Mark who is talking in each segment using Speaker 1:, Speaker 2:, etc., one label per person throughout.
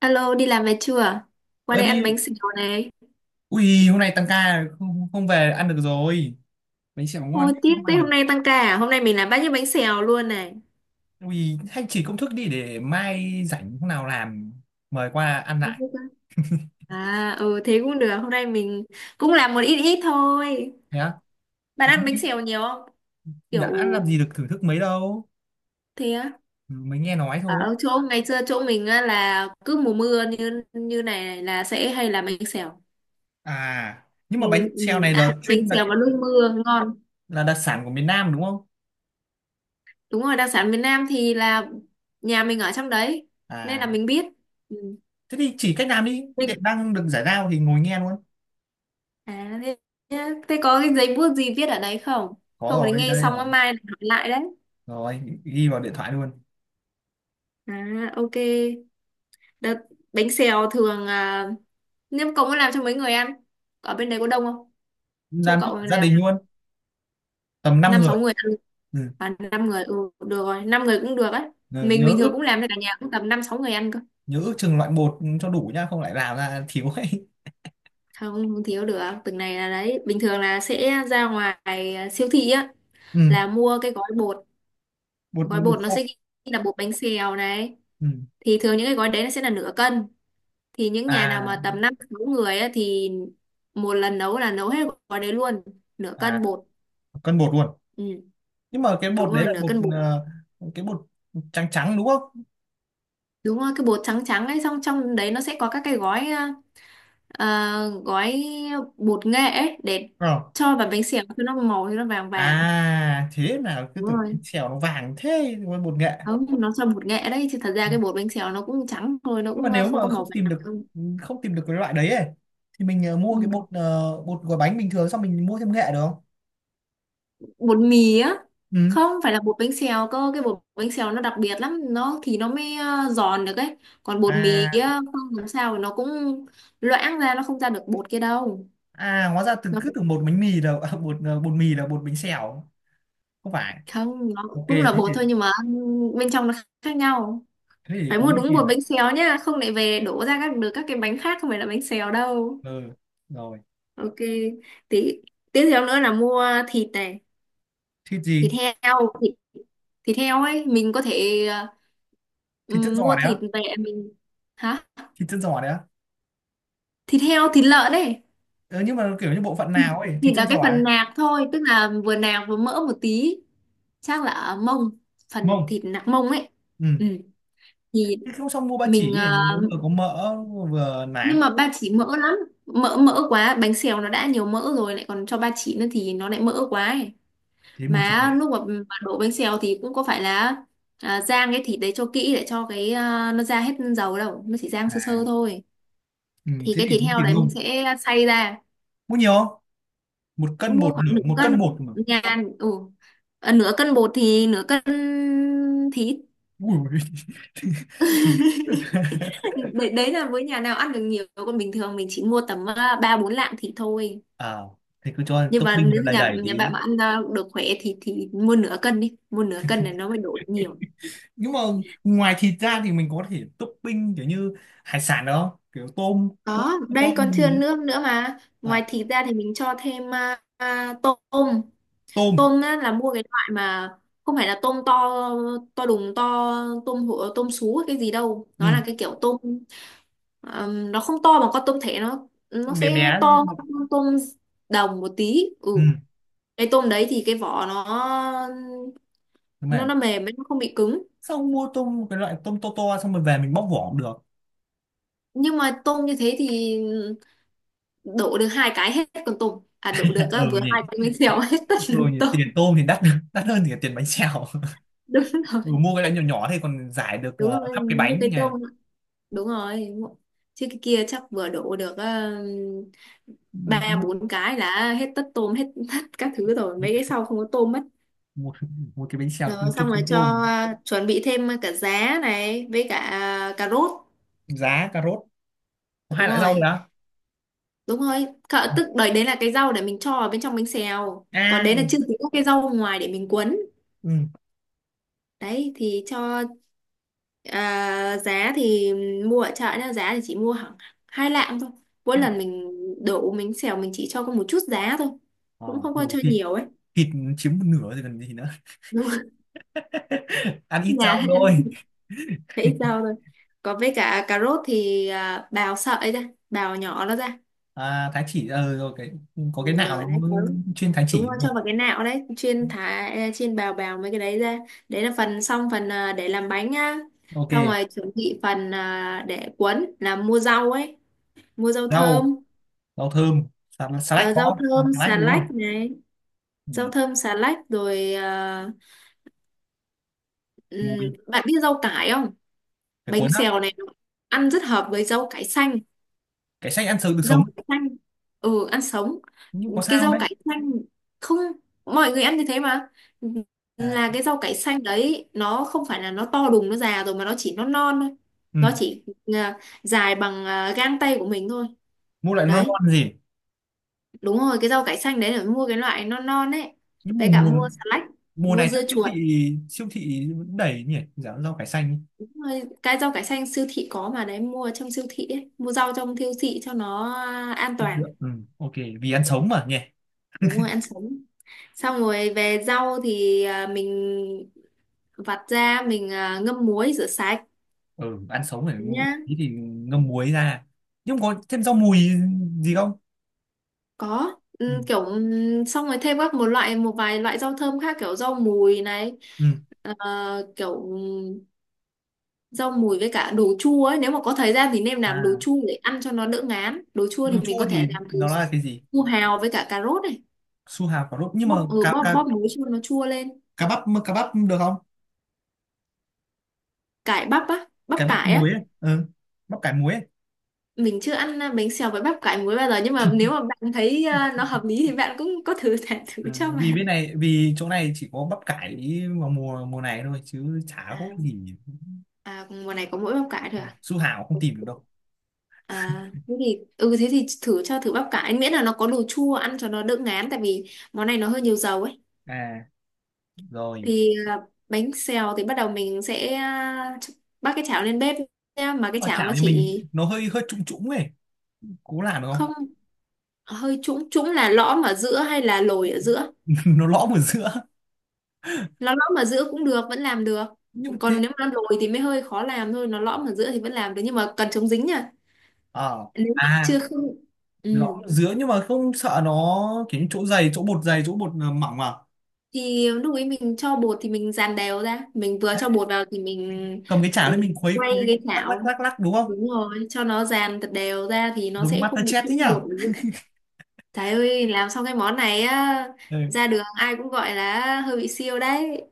Speaker 1: Alo, đi làm về chưa? Qua
Speaker 2: Ơ
Speaker 1: đây ăn
Speaker 2: đi,
Speaker 1: bánh xèo này.
Speaker 2: ui hôm nay tăng ca không không về ăn được rồi. Bánh xèo ngon
Speaker 1: Ôi, tiếc
Speaker 2: không
Speaker 1: thế,
Speaker 2: ăn được.
Speaker 1: hôm nay tăng ca à? Hôm nay mình làm bát những bánh xèo luôn này.
Speaker 2: Ui hay chỉ công thức đi để mai rảnh hôm nào làm mời qua ăn
Speaker 1: Không
Speaker 2: lại.
Speaker 1: biết á. Thế cũng được. Hôm nay mình cũng làm một ít ít thôi.
Speaker 2: Thế á?
Speaker 1: Bạn
Speaker 2: Ờ, thế
Speaker 1: ăn
Speaker 2: đi,
Speaker 1: bánh xèo nhiều không? Kiểu
Speaker 2: đã làm gì được thưởng thức mấy đâu.
Speaker 1: thế á.
Speaker 2: Ừ, mới nghe nói thôi.
Speaker 1: Ở chỗ ngày xưa, chỗ mình á, là cứ mùa mưa như như này là sẽ hay làm bánh xèo.
Speaker 2: À, nhưng
Speaker 1: Ừ,
Speaker 2: mà bánh
Speaker 1: ừ,
Speaker 2: xèo này là
Speaker 1: ăn bánh
Speaker 2: chuyên đặc,
Speaker 1: xèo vào lúc mưa ngon.
Speaker 2: là đặc sản của miền Nam đúng không?
Speaker 1: Đúng rồi, đặc sản miền Nam thì là nhà mình ở trong đấy nên
Speaker 2: À,
Speaker 1: là mình biết. Ừ.
Speaker 2: thế thì chỉ cách làm đi.
Speaker 1: Mình
Speaker 2: Tiện đang được giải lao thì ngồi nghe luôn.
Speaker 1: À, thế, thế, có cái giấy bút gì viết ở đấy không?
Speaker 2: Có
Speaker 1: Không thì
Speaker 2: rồi,
Speaker 1: nghe
Speaker 2: đây
Speaker 1: xong
Speaker 2: rồi.
Speaker 1: á, mai hỏi lại đấy.
Speaker 2: Rồi, ghi vào điện thoại luôn.
Speaker 1: À, ok. Đợt bánh xèo thường à, nếu cậu muốn làm cho mấy người ăn, ở bên đấy có đông không? Chỗ
Speaker 2: Làm cho
Speaker 1: cậu
Speaker 2: cả gia
Speaker 1: làm
Speaker 2: đình luôn. Tầm 5
Speaker 1: năm
Speaker 2: người.
Speaker 1: sáu người
Speaker 2: Ừ,
Speaker 1: ăn, à, năm người, được rồi, 5 người cũng được á.
Speaker 2: ừ,
Speaker 1: Mình
Speaker 2: nhớ
Speaker 1: bình thường
Speaker 2: ước
Speaker 1: cũng làm cho cả nhà cũng tầm 5-6 người ăn cơ.
Speaker 2: nhớ ước chừng loại một cho đủ nhá không lại làm ra thiếu ấy.
Speaker 1: Không, không thiếu được. Từng này là đấy, bình thường là sẽ ra ngoài, siêu thị á
Speaker 2: Ừ,
Speaker 1: là mua cái
Speaker 2: bột
Speaker 1: gói
Speaker 2: bột
Speaker 1: bột nó sẽ
Speaker 2: khô.
Speaker 1: ghi là bột bánh xèo này.
Speaker 2: Ừ.
Speaker 1: Thì thường những cái gói đấy nó sẽ là nửa cân, thì những nhà nào mà
Speaker 2: À,
Speaker 1: tầm 5-6 người á thì một lần nấu là nấu hết gói đấy luôn, nửa
Speaker 2: à,
Speaker 1: cân bột.
Speaker 2: cân bột luôn.
Speaker 1: Ừ,
Speaker 2: Nhưng mà cái
Speaker 1: đúng
Speaker 2: bột đấy
Speaker 1: rồi,
Speaker 2: là
Speaker 1: nửa
Speaker 2: bột,
Speaker 1: cân bột.
Speaker 2: cái bột trắng trắng đúng không?
Speaker 1: Đúng rồi, cái bột trắng trắng ấy, xong trong đấy nó sẽ có các cái gói, ờ, gói bột nghệ ấy để
Speaker 2: Ờ.
Speaker 1: cho vào bánh xèo cho nó màu, cho nó vàng vàng.
Speaker 2: À thế là cứ
Speaker 1: Đúng
Speaker 2: tưởng bánh
Speaker 1: rồi.
Speaker 2: xèo nó vàng thế mà bột nghệ.
Speaker 1: Không, nó cho bột nghệ đấy chứ thật ra
Speaker 2: Ừ.
Speaker 1: cái bột bánh xèo nó cũng trắng thôi, nó
Speaker 2: Nhưng mà
Speaker 1: cũng
Speaker 2: nếu
Speaker 1: không có
Speaker 2: mà
Speaker 1: màu
Speaker 2: không tìm
Speaker 1: vàng.
Speaker 2: được không tìm được cái loại đấy ấy thì mình,
Speaker 1: Ừ.
Speaker 2: mua cái bột, bột gói bánh bình thường xong mình mua thêm nghệ được không?
Speaker 1: Bột mì á,
Speaker 2: Ừ.
Speaker 1: không phải là bột bánh xèo cơ, cái bột bánh xèo nó đặc biệt lắm, nó thì nó mới giòn được ấy. Còn bột mì
Speaker 2: À,
Speaker 1: á, không làm sao nó cũng loãng ra, nó không ra được bột kia đâu.
Speaker 2: à, hóa ra từng cứ
Speaker 1: nó
Speaker 2: tưởng bột bánh mì là bột, bột mì là bột bánh xèo. Không phải.
Speaker 1: không nó
Speaker 2: Ok
Speaker 1: cũng
Speaker 2: thế
Speaker 1: là bột
Speaker 2: thì
Speaker 1: thôi nhưng mà bên trong nó khác nhau.
Speaker 2: thế thì
Speaker 1: Phải
Speaker 2: cố
Speaker 1: mua
Speaker 2: đi
Speaker 1: đúng
Speaker 2: tìm
Speaker 1: bột
Speaker 2: này.
Speaker 1: bánh xèo nhá, không lại về đổ ra các được các cái bánh khác, không phải là bánh xèo đâu.
Speaker 2: Ừ, rồi.
Speaker 1: Ok. Tí tiếp theo nữa là mua thịt này.
Speaker 2: Thịt gì?
Speaker 1: thịt heo thịt, thịt heo ấy, mình có thể
Speaker 2: Thịt chân giò
Speaker 1: mua
Speaker 2: đấy á?
Speaker 1: thịt về mình. Hả?
Speaker 2: Thịt chân giò đấy á?
Speaker 1: Thịt heo, thịt lợn ấy.
Speaker 2: Ừ, nhưng mà kiểu như bộ phận
Speaker 1: thì,
Speaker 2: nào ấy, thịt
Speaker 1: thì
Speaker 2: chân
Speaker 1: là cái
Speaker 2: giò đấy?
Speaker 1: phần nạc thôi, tức là vừa nạc vừa mỡ một tí, chắc là ở mông, phần
Speaker 2: Mông.
Speaker 1: thịt nạc mông ấy.
Speaker 2: Ừ.
Speaker 1: Ừ. thì
Speaker 2: Thế không, xong mua ba
Speaker 1: mình
Speaker 2: chỉ ấy,
Speaker 1: ờ,
Speaker 2: nó vừa có mỡ vừa nạc.
Speaker 1: nhưng mà ba chỉ mỡ lắm, mỡ mỡ quá bánh xèo nó đã nhiều mỡ rồi lại còn cho ba chỉ nữa thì nó lại mỡ quá ấy.
Speaker 2: Thế mua thịt
Speaker 1: Mà
Speaker 2: nạc.
Speaker 1: lúc mà đổ bánh xèo thì cũng có phải là, rang cái thịt đấy cho kỹ để cho cái, nó ra hết dầu đâu, nó chỉ rang sơ
Speaker 2: À.
Speaker 1: sơ thôi.
Speaker 2: Ừ,
Speaker 1: Thì
Speaker 2: thế
Speaker 1: cái
Speaker 2: thì
Speaker 1: thịt
Speaker 2: mua
Speaker 1: heo
Speaker 2: thịt
Speaker 1: đấy mình
Speaker 2: mông.
Speaker 1: sẽ xay ra.
Speaker 2: Mua nhiều không? Một cân,
Speaker 1: Mua
Speaker 2: một
Speaker 1: khoảng
Speaker 2: nửa,
Speaker 1: nửa
Speaker 2: một cân,
Speaker 1: cân
Speaker 2: một mà.
Speaker 1: nhà. Ừ. Ờ, nửa cân bột thì nửa cân thịt.
Speaker 2: Ui ui.
Speaker 1: Đấy, đấy là với nhà nào ăn được nhiều, còn bình thường mình chỉ mua tầm 3-4 lạng thịt thôi.
Speaker 2: À thì cứ cho
Speaker 1: Nhưng mà
Speaker 2: topping nó
Speaker 1: nếu
Speaker 2: đầy
Speaker 1: nhà
Speaker 2: đầy
Speaker 1: nhà
Speaker 2: tí.
Speaker 1: bạn mà ăn được khỏe thì mua nửa cân đi, mua nửa cân này nó mới đổ được nhiều.
Speaker 2: Nhưng mà ngoài thịt ra thì mình có thể topping kiểu như hải sản được không, kiểu tôm cua?
Speaker 1: Có, đây
Speaker 2: Tôm
Speaker 1: còn chưa
Speaker 2: gì ấy.
Speaker 1: nước nữa mà,
Speaker 2: À.
Speaker 1: ngoài thịt ra thì mình cho thêm tôm.
Speaker 2: Tôm.
Speaker 1: Tôm á, là mua cái loại mà không phải là tôm to, to đùng to, tôm hũ tôm sú hay cái gì đâu, nó
Speaker 2: Ừ.
Speaker 1: là cái kiểu tôm, nó không to bằng con tôm thẻ, nó
Speaker 2: Tôm bé bé.
Speaker 1: sẽ to hơn con tôm đồng một tí. Ừ.
Speaker 2: Ừ.
Speaker 1: Cái tôm đấy thì cái vỏ nó
Speaker 2: Đúng rồi.
Speaker 1: nó nó mềm ấy, nó không bị cứng.
Speaker 2: Xong mua tôm cái loại tôm to to xong rồi về mình bóc vỏ cũng được.
Speaker 1: Nhưng mà tôm như thế thì đổ được hai cái hết con tôm, à, đổ được á,
Speaker 2: Ừ
Speaker 1: vừa
Speaker 2: nhỉ,
Speaker 1: hai cái bánh xèo hết tất cả
Speaker 2: ừ nhỉ, tiền
Speaker 1: tôm.
Speaker 2: tôm thì đắt đắt hơn thì tiền bánh xèo.
Speaker 1: Đúng rồi.
Speaker 2: Ừ, mua cái loại nhỏ nhỏ thì còn giải được
Speaker 1: Đúng rồi,
Speaker 2: khắp cái
Speaker 1: nước
Speaker 2: bánh
Speaker 1: cái
Speaker 2: nhỉ.
Speaker 1: tôm. Đúng rồi, chứ cái kia chắc vừa đổ được
Speaker 2: Ừ,
Speaker 1: ba
Speaker 2: mua,
Speaker 1: bốn cái là hết tất, tôm hết tất các thứ rồi, mấy cái sau không có tôm mất.
Speaker 2: mua, mua cái bánh xèo từng
Speaker 1: Rồi, xong
Speaker 2: chục
Speaker 1: rồi
Speaker 2: con
Speaker 1: cho,
Speaker 2: tôm.
Speaker 1: chuẩn bị thêm cả giá này với cả, cà rốt.
Speaker 2: Giá cà rốt. Có hai
Speaker 1: Đúng
Speaker 2: loại rau nữa
Speaker 1: rồi.
Speaker 2: à?
Speaker 1: Đúng rồi, cỡ tức đấy, đấy là cái rau để mình cho ở bên trong bánh xèo, còn
Speaker 2: À,
Speaker 1: đấy là chưa tính các cái rau ngoài để mình cuốn.
Speaker 2: ừ,
Speaker 1: Đấy thì cho, giá thì mua ở chợ nha, giá thì chỉ mua khoảng 2 lạng thôi, mỗi
Speaker 2: hai loại.
Speaker 1: lần mình đổ mình xẻo mình chỉ cho có một chút giá thôi,
Speaker 2: Ờ.
Speaker 1: cũng không có
Speaker 2: Ừ,
Speaker 1: cho
Speaker 2: thịt
Speaker 1: nhiều ấy.
Speaker 2: thịt chiếm một nửa rồi còn gì nữa.
Speaker 1: Đúng rồi.
Speaker 2: Ăn ít
Speaker 1: Nhà
Speaker 2: rau
Speaker 1: ăn
Speaker 2: thôi.
Speaker 1: thì ít rau thôi. Còn với cả cà rốt thì, bào sợi ra, bào nhỏ nó ra.
Speaker 2: À, thái chỉ, rồi cái có
Speaker 1: Ừ,
Speaker 2: cái nào
Speaker 1: rồi, đấy,
Speaker 2: nó
Speaker 1: đúng.
Speaker 2: chuyên thái
Speaker 1: Đúng
Speaker 2: chỉ
Speaker 1: rồi,
Speaker 2: đúng
Speaker 1: cho
Speaker 2: không?
Speaker 1: vào cái nạo đấy chuyên thả, chuyên bào bào mấy cái đấy ra. Đấy là phần xong, phần, để làm bánh nhá.
Speaker 2: Ok.
Speaker 1: Xong rồi chuẩn bị phần, để cuốn là mua rau ấy, mua rau
Speaker 2: rau
Speaker 1: thơm.
Speaker 2: rau thơm, salad
Speaker 1: Ờ,
Speaker 2: có
Speaker 1: rau
Speaker 2: không? À,
Speaker 1: thơm xà
Speaker 2: salad đúng
Speaker 1: lách
Speaker 2: không?
Speaker 1: này.
Speaker 2: Ừ.
Speaker 1: Rau thơm xà lách rồi,
Speaker 2: Mùi.
Speaker 1: bạn biết rau cải không?
Speaker 2: Cái
Speaker 1: Bánh
Speaker 2: cuốn á?
Speaker 1: xèo này nó ăn rất hợp với rau cải xanh.
Speaker 2: Cái sách ăn sống được,
Speaker 1: Rau
Speaker 2: sống.
Speaker 1: cải xanh, ừ, ăn sống.
Speaker 2: Nhưng có
Speaker 1: Cái
Speaker 2: sao
Speaker 1: rau
Speaker 2: đấy.
Speaker 1: cải xanh, không, mọi người ăn như thế mà,
Speaker 2: À.
Speaker 1: là cái rau cải xanh đấy nó không phải là nó to đùng nó già rồi, mà nó chỉ, nó non thôi.
Speaker 2: Ừ.
Speaker 1: Nó chỉ ờ, dài bằng gang tay của mình thôi.
Speaker 2: Mua lại non
Speaker 1: Đấy.
Speaker 2: non gì.
Speaker 1: Đúng rồi, cái rau cải xanh đấy là mua cái loại non non ấy,
Speaker 2: Nhưng mùa
Speaker 1: với cả
Speaker 2: mùa
Speaker 1: mua xà lách,
Speaker 2: mùa
Speaker 1: mua
Speaker 2: này chắc
Speaker 1: dưa
Speaker 2: siêu thị
Speaker 1: chuột.
Speaker 2: siêu thị vẫn đầy nhỉ, giá rau cải xanh.
Speaker 1: Đúng rồi, cái rau cải xanh siêu thị có mà đấy, mua trong siêu thị ấy, mua rau trong siêu thị cho nó an
Speaker 2: Được
Speaker 1: toàn.
Speaker 2: được. Ừ. Ok. Vì ăn sống mà nhỉ.
Speaker 1: Đúng rồi, ăn sống. Xong rồi về rau thì, mình vặt ra mình, ngâm muối rửa sạch
Speaker 2: Ừ, ăn sống phải
Speaker 1: nhá.
Speaker 2: tí thì ngâm muối ra. Nhưng có thêm rau mùi gì không?
Speaker 1: Có,
Speaker 2: Ừ.
Speaker 1: ừ, kiểu, xong rồi thêm các một loại, một vài loại rau thơm khác, kiểu rau mùi này.
Speaker 2: Ừ.
Speaker 1: ờ, kiểu ừ, Rau mùi với cả đồ chua ấy, nếu mà có thời gian thì nên làm đồ
Speaker 2: À,
Speaker 1: chua để ăn cho nó đỡ ngán. Đồ chua thì
Speaker 2: rau
Speaker 1: mình
Speaker 2: chua
Speaker 1: có thể
Speaker 2: thì
Speaker 1: làm từ
Speaker 2: nó là cái gì?
Speaker 1: su hào với cả cà rốt này,
Speaker 2: Su hào quả lốt nhưng mà,
Speaker 1: bóp, ừ,
Speaker 2: cá
Speaker 1: bóp
Speaker 2: cá
Speaker 1: bóp muối cho nó chua lên.
Speaker 2: cá bắp được không?
Speaker 1: Cải bắp á, bắp
Speaker 2: Cái bắp
Speaker 1: cải á,
Speaker 2: muối ấy. Ừ, bắp cải muối ấy.
Speaker 1: mình chưa ăn, bánh xèo với bắp cải muối bao giờ, nhưng mà nếu mà bạn thấy, nó hợp lý thì bạn cũng có thử thả thử
Speaker 2: Ừ,
Speaker 1: cho
Speaker 2: vì
Speaker 1: bạn.
Speaker 2: bên này, vì chỗ này chỉ có bắp cải vào mùa mùa này thôi chứ chả
Speaker 1: À,
Speaker 2: có cái gì.
Speaker 1: à mùa này có mỗi bắp cải thôi à?
Speaker 2: Su hào không tìm được đâu.
Speaker 1: À, thế thì thử, cho thử bắp cải, miễn là nó có đồ chua ăn cho nó đỡ ngán, tại vì món này nó hơi nhiều dầu ấy.
Speaker 2: À, rồi.
Speaker 1: Thì, bánh xèo thì bắt đầu mình sẽ, bắc cái chảo lên bếp nha. Mà cái
Speaker 2: Ờ,
Speaker 1: chảo nó
Speaker 2: chảo nhà mình
Speaker 1: chỉ,
Speaker 2: nó hơi hơi trũng trũng ấy, cố làm được không?
Speaker 1: không, hơi trũng trũng là lõm ở giữa hay là lồi ở giữa?
Speaker 2: Nó lõm ở giữa.
Speaker 1: Nó lõm ở giữa cũng được, vẫn làm được.
Speaker 2: Nhưng mà thế.
Speaker 1: Còn nếu mà lồi thì mới hơi khó làm thôi, nó lõm ở giữa thì vẫn làm được nhưng mà cần chống dính nha.
Speaker 2: Ờ.
Speaker 1: Nếu mà
Speaker 2: À,
Speaker 1: chưa không.
Speaker 2: lõm
Speaker 1: Ừ.
Speaker 2: ở giữa nhưng mà không sợ nó kiểu như chỗ dày, chỗ bột dày chỗ bột, mỏng à?
Speaker 1: Thì lúc ấy mình cho bột thì mình dàn đều ra, mình vừa
Speaker 2: Đấy,
Speaker 1: cho bột vào thì
Speaker 2: cầm cái chảo lên mình
Speaker 1: mình
Speaker 2: khuấy
Speaker 1: quay
Speaker 2: khuấy,
Speaker 1: cái
Speaker 2: lắc lắc
Speaker 1: chảo.
Speaker 2: lắc lắc đúng không?
Speaker 1: Đúng rồi, cho nó dàn thật đều ra thì nó
Speaker 2: Giống
Speaker 1: sẽ không bị
Speaker 2: MasterChef thế
Speaker 1: trũng bột.
Speaker 2: nhở.
Speaker 1: Trời ơi, làm xong cái món này á,
Speaker 2: Ừ,
Speaker 1: ra đường ai cũng gọi là hơi bị siêu đấy.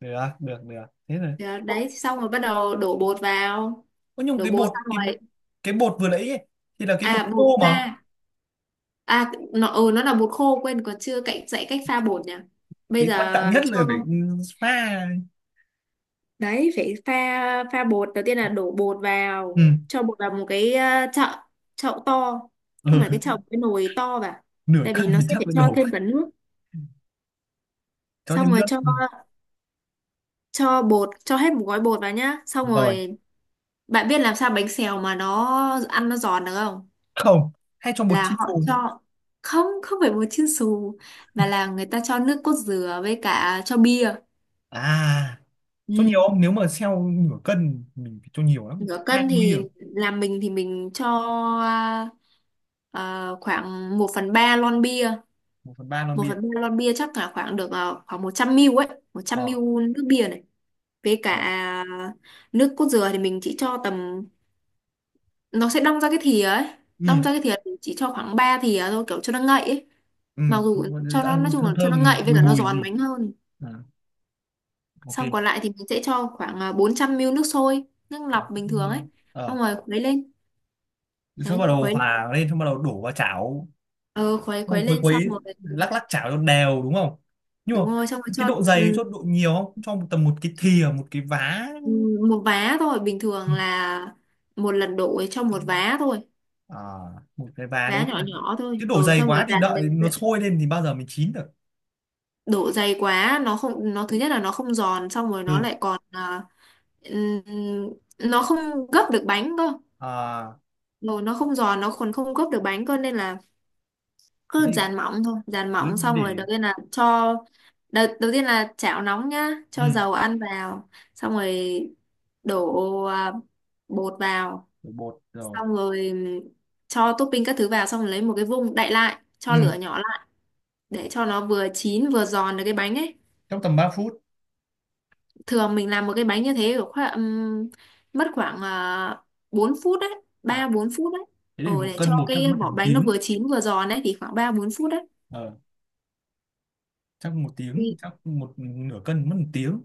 Speaker 2: được được được, thế rồi.
Speaker 1: Đó, đấy, xong rồi bắt đầu đổ bột vào.
Speaker 2: Ơ nhưng
Speaker 1: Đổ
Speaker 2: cái
Speaker 1: bột
Speaker 2: bột,
Speaker 1: xong
Speaker 2: cái
Speaker 1: rồi.
Speaker 2: cái bột vừa nãy ấy, thì là cái
Speaker 1: À,
Speaker 2: bột khô
Speaker 1: bột
Speaker 2: mà.
Speaker 1: pha. À, nó, ừ, nó là bột khô, quên còn chưa cậy, dạy cách pha bột nhỉ. Bây
Speaker 2: Cái quan trọng
Speaker 1: giờ
Speaker 2: nhất
Speaker 1: cho,
Speaker 2: là phải, pha.
Speaker 1: đấy, phải pha pha bột. Đầu tiên là đổ bột vào,
Speaker 2: Ừ,
Speaker 1: cho bột vào một cái, chậu, chậu to. Không phải cái
Speaker 2: ừ.
Speaker 1: chậu, cái nồi to vào.
Speaker 2: Nửa
Speaker 1: Tại
Speaker 2: cân
Speaker 1: vì nó
Speaker 2: thì
Speaker 1: sẽ
Speaker 2: chắc
Speaker 1: phải
Speaker 2: phải
Speaker 1: cho
Speaker 2: đổ,
Speaker 1: thêm cả nước.
Speaker 2: cho
Speaker 1: Xong
Speaker 2: thêm
Speaker 1: rồi
Speaker 2: nước.
Speaker 1: cho
Speaker 2: Ừ.
Speaker 1: cho bột, cho hết một gói bột vào nhá. Xong
Speaker 2: Rồi.
Speaker 1: rồi. Bạn biết làm sao bánh xèo mà nó ăn nó giòn được không?
Speaker 2: Không, hay cho bột
Speaker 1: Là
Speaker 2: chiên
Speaker 1: họ
Speaker 2: phù?
Speaker 1: cho, không, không phải bột chiên xù, mà là người ta cho nước cốt dừa với cả cho bia.
Speaker 2: À, cho nhiều
Speaker 1: Ừ.
Speaker 2: không, nếu mà xeo nửa cân mình phải cho nhiều lắm,
Speaker 1: Nửa
Speaker 2: hai
Speaker 1: cân
Speaker 2: lon bia?
Speaker 1: thì làm mình thì mình cho, à, khoảng một phần 3 lon bia.
Speaker 2: Một phần ba lon
Speaker 1: Một
Speaker 2: bia.
Speaker 1: phần 3 lon bia chắc là khoảng được, khoảng 100 ml ấy, 100
Speaker 2: Ờ.
Speaker 1: ml nước bia này. Với
Speaker 2: Ờ.
Speaker 1: cả nước cốt dừa thì mình chỉ cho tầm, nó sẽ đong ra cái thìa ấy, đong
Speaker 2: Ừ.
Speaker 1: ra cái thìa thì chỉ cho khoảng 3 thìa thôi, kiểu cho nó ngậy ấy.
Speaker 2: Ừ,
Speaker 1: Mặc dù cho nó nói
Speaker 2: ăn
Speaker 1: chung
Speaker 2: thơm
Speaker 1: là cho nó
Speaker 2: thơm
Speaker 1: ngậy với
Speaker 2: bùi
Speaker 1: cả nó
Speaker 2: bùi
Speaker 1: giòn
Speaker 2: gì.
Speaker 1: bánh hơn.
Speaker 2: À, ok.
Speaker 1: Xong còn lại thì mình sẽ cho khoảng, 400 ml nước sôi, nước lọc bình thường ấy.
Speaker 2: Ờ,
Speaker 1: Xong rồi khuấy lên.
Speaker 2: xong bắt
Speaker 1: Đấy,
Speaker 2: đầu
Speaker 1: khuấy,
Speaker 2: hòa lên xong bắt đầu đổ vào chảo.
Speaker 1: ờ, khuấy khuấy
Speaker 2: Ông khuấy
Speaker 1: lên xong
Speaker 2: khuấy,
Speaker 1: rồi.
Speaker 2: lắc lắc chảo cho đều đúng không? Nhưng mà
Speaker 1: Đúng rồi, xong rồi
Speaker 2: cái
Speaker 1: cho,
Speaker 2: độ dày, cho độ nhiều không, cho một tầm một cái thìa, một cái vá?
Speaker 1: ừ, một vá thôi. Bình
Speaker 2: Ừ.
Speaker 1: thường là một lần đổ ấy, cho một vá thôi,
Speaker 2: À, một cái vá
Speaker 1: vá
Speaker 2: đấy
Speaker 1: nhỏ nhỏ thôi.
Speaker 2: chứ
Speaker 1: Ờ,
Speaker 2: đổ dày
Speaker 1: xong rồi
Speaker 2: quá thì
Speaker 1: dàn
Speaker 2: đợi nó
Speaker 1: đều.
Speaker 2: sôi lên thì bao giờ mình chín được.
Speaker 1: Độ dày quá nó không, nó thứ nhất là nó không giòn, xong rồi nó
Speaker 2: Ừ.
Speaker 1: lại còn, ừm, nó không gấp được bánh cơ.
Speaker 2: À,
Speaker 1: Rồi nó không giòn, nó còn không gấp được bánh cơ, nên là
Speaker 2: thế
Speaker 1: cứ
Speaker 2: thì
Speaker 1: dàn mỏng thôi. Dàn
Speaker 2: cứ
Speaker 1: mỏng xong rồi
Speaker 2: để.
Speaker 1: đầu tiên là cho, đầu tiên là chảo nóng nhá, cho
Speaker 2: Ừ,
Speaker 1: dầu ăn vào. Xong rồi đổ, bột vào,
Speaker 2: để bột rồi.
Speaker 1: xong rồi cho topping các thứ vào, xong rồi lấy một cái vung đậy lại, cho lửa
Speaker 2: Ừ,
Speaker 1: nhỏ lại để cho nó vừa chín vừa giòn được cái bánh ấy.
Speaker 2: trong tầm 3 phút.
Speaker 1: Thường mình làm một cái bánh như thế kiểu khoảng, mất khoảng uh, 4 phút đấy,
Speaker 2: À
Speaker 1: 3-4 phút đấy.
Speaker 2: thế
Speaker 1: Ờ,
Speaker 2: thì một
Speaker 1: để cho
Speaker 2: cân bột chắc
Speaker 1: cái
Speaker 2: mất
Speaker 1: vỏ
Speaker 2: một
Speaker 1: bánh nó
Speaker 2: tiếng.
Speaker 1: vừa chín vừa giòn đấy thì khoảng 3-4 phút đấy.
Speaker 2: Ờ, chắc một tiếng,
Speaker 1: Thì,
Speaker 2: chắc một nửa cân mất một tiếng.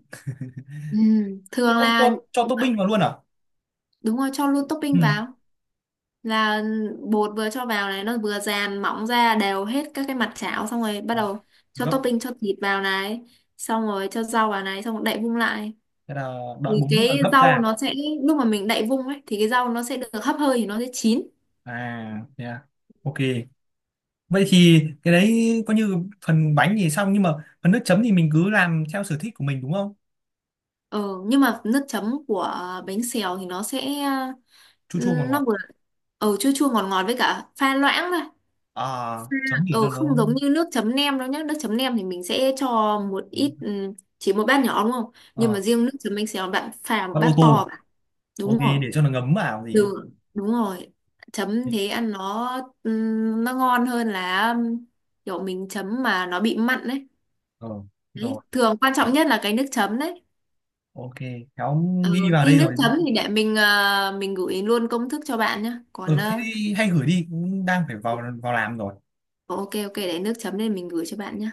Speaker 2: Thế
Speaker 1: thường
Speaker 2: xong
Speaker 1: là
Speaker 2: cho topping vào luôn à?
Speaker 1: đúng rồi, cho luôn
Speaker 2: Ừ.
Speaker 1: topping vào là bột vừa cho vào này nó vừa dàn mỏng ra đều hết các cái mặt chảo, xong rồi bắt
Speaker 2: Ờ,
Speaker 1: đầu cho
Speaker 2: gấp.
Speaker 1: topping, cho thịt vào này, xong rồi cho rau vào này, xong rồi đậy vung lại
Speaker 2: Thế là đợi
Speaker 1: thì
Speaker 2: 4 phút là
Speaker 1: cái
Speaker 2: gấp
Speaker 1: rau
Speaker 2: ra?
Speaker 1: nó sẽ, lúc mà mình đậy vung ấy thì cái rau nó sẽ được hấp hơi thì nó sẽ chín.
Speaker 2: À, yeah. Ok. Vậy thì cái đấy coi như phần bánh thì xong, nhưng mà phần nước chấm thì mình cứ làm theo sở thích của mình đúng không?
Speaker 1: Ờ, nhưng mà nước chấm của bánh xèo thì nó sẽ,
Speaker 2: Chua chua ngọt
Speaker 1: ừ, nó
Speaker 2: ngọt.
Speaker 1: vừa, ờ, chua chua ngọt ngọt với cả pha loãng thôi.
Speaker 2: À, chấm để
Speaker 1: Ờ,
Speaker 2: cho nó.
Speaker 1: không giống như nước chấm nem đâu nhá. Nước chấm nem thì mình sẽ cho một ít, ừ, chỉ một bát nhỏ đúng không? Nhưng mà
Speaker 2: Ờ,
Speaker 1: riêng nước chấm bánh xèo bạn pha một
Speaker 2: con ô
Speaker 1: bát to
Speaker 2: tô.
Speaker 1: vào. Đúng
Speaker 2: Ok,
Speaker 1: rồi.
Speaker 2: để cho nó ngấm vào gì.
Speaker 1: Đường đúng rồi. Chấm thế ăn nó, ừ, nó ngon hơn là, ừ, kiểu mình chấm mà nó bị mặn đấy.
Speaker 2: Ờ, rồi.
Speaker 1: Đấy, thường quan trọng nhất là cái nước chấm đấy.
Speaker 2: Ok, cháu
Speaker 1: Ờ,
Speaker 2: ghi vào
Speaker 1: thế
Speaker 2: đây
Speaker 1: nước
Speaker 2: rồi.
Speaker 1: chấm thì để mình, mình gửi luôn công thức cho bạn nhé. Còn
Speaker 2: Ừ, thế
Speaker 1: ờ,
Speaker 2: thì hay gửi đi, cũng đang phải vào vào làm rồi.
Speaker 1: ok, ok, để nước chấm nên mình gửi cho bạn nhé.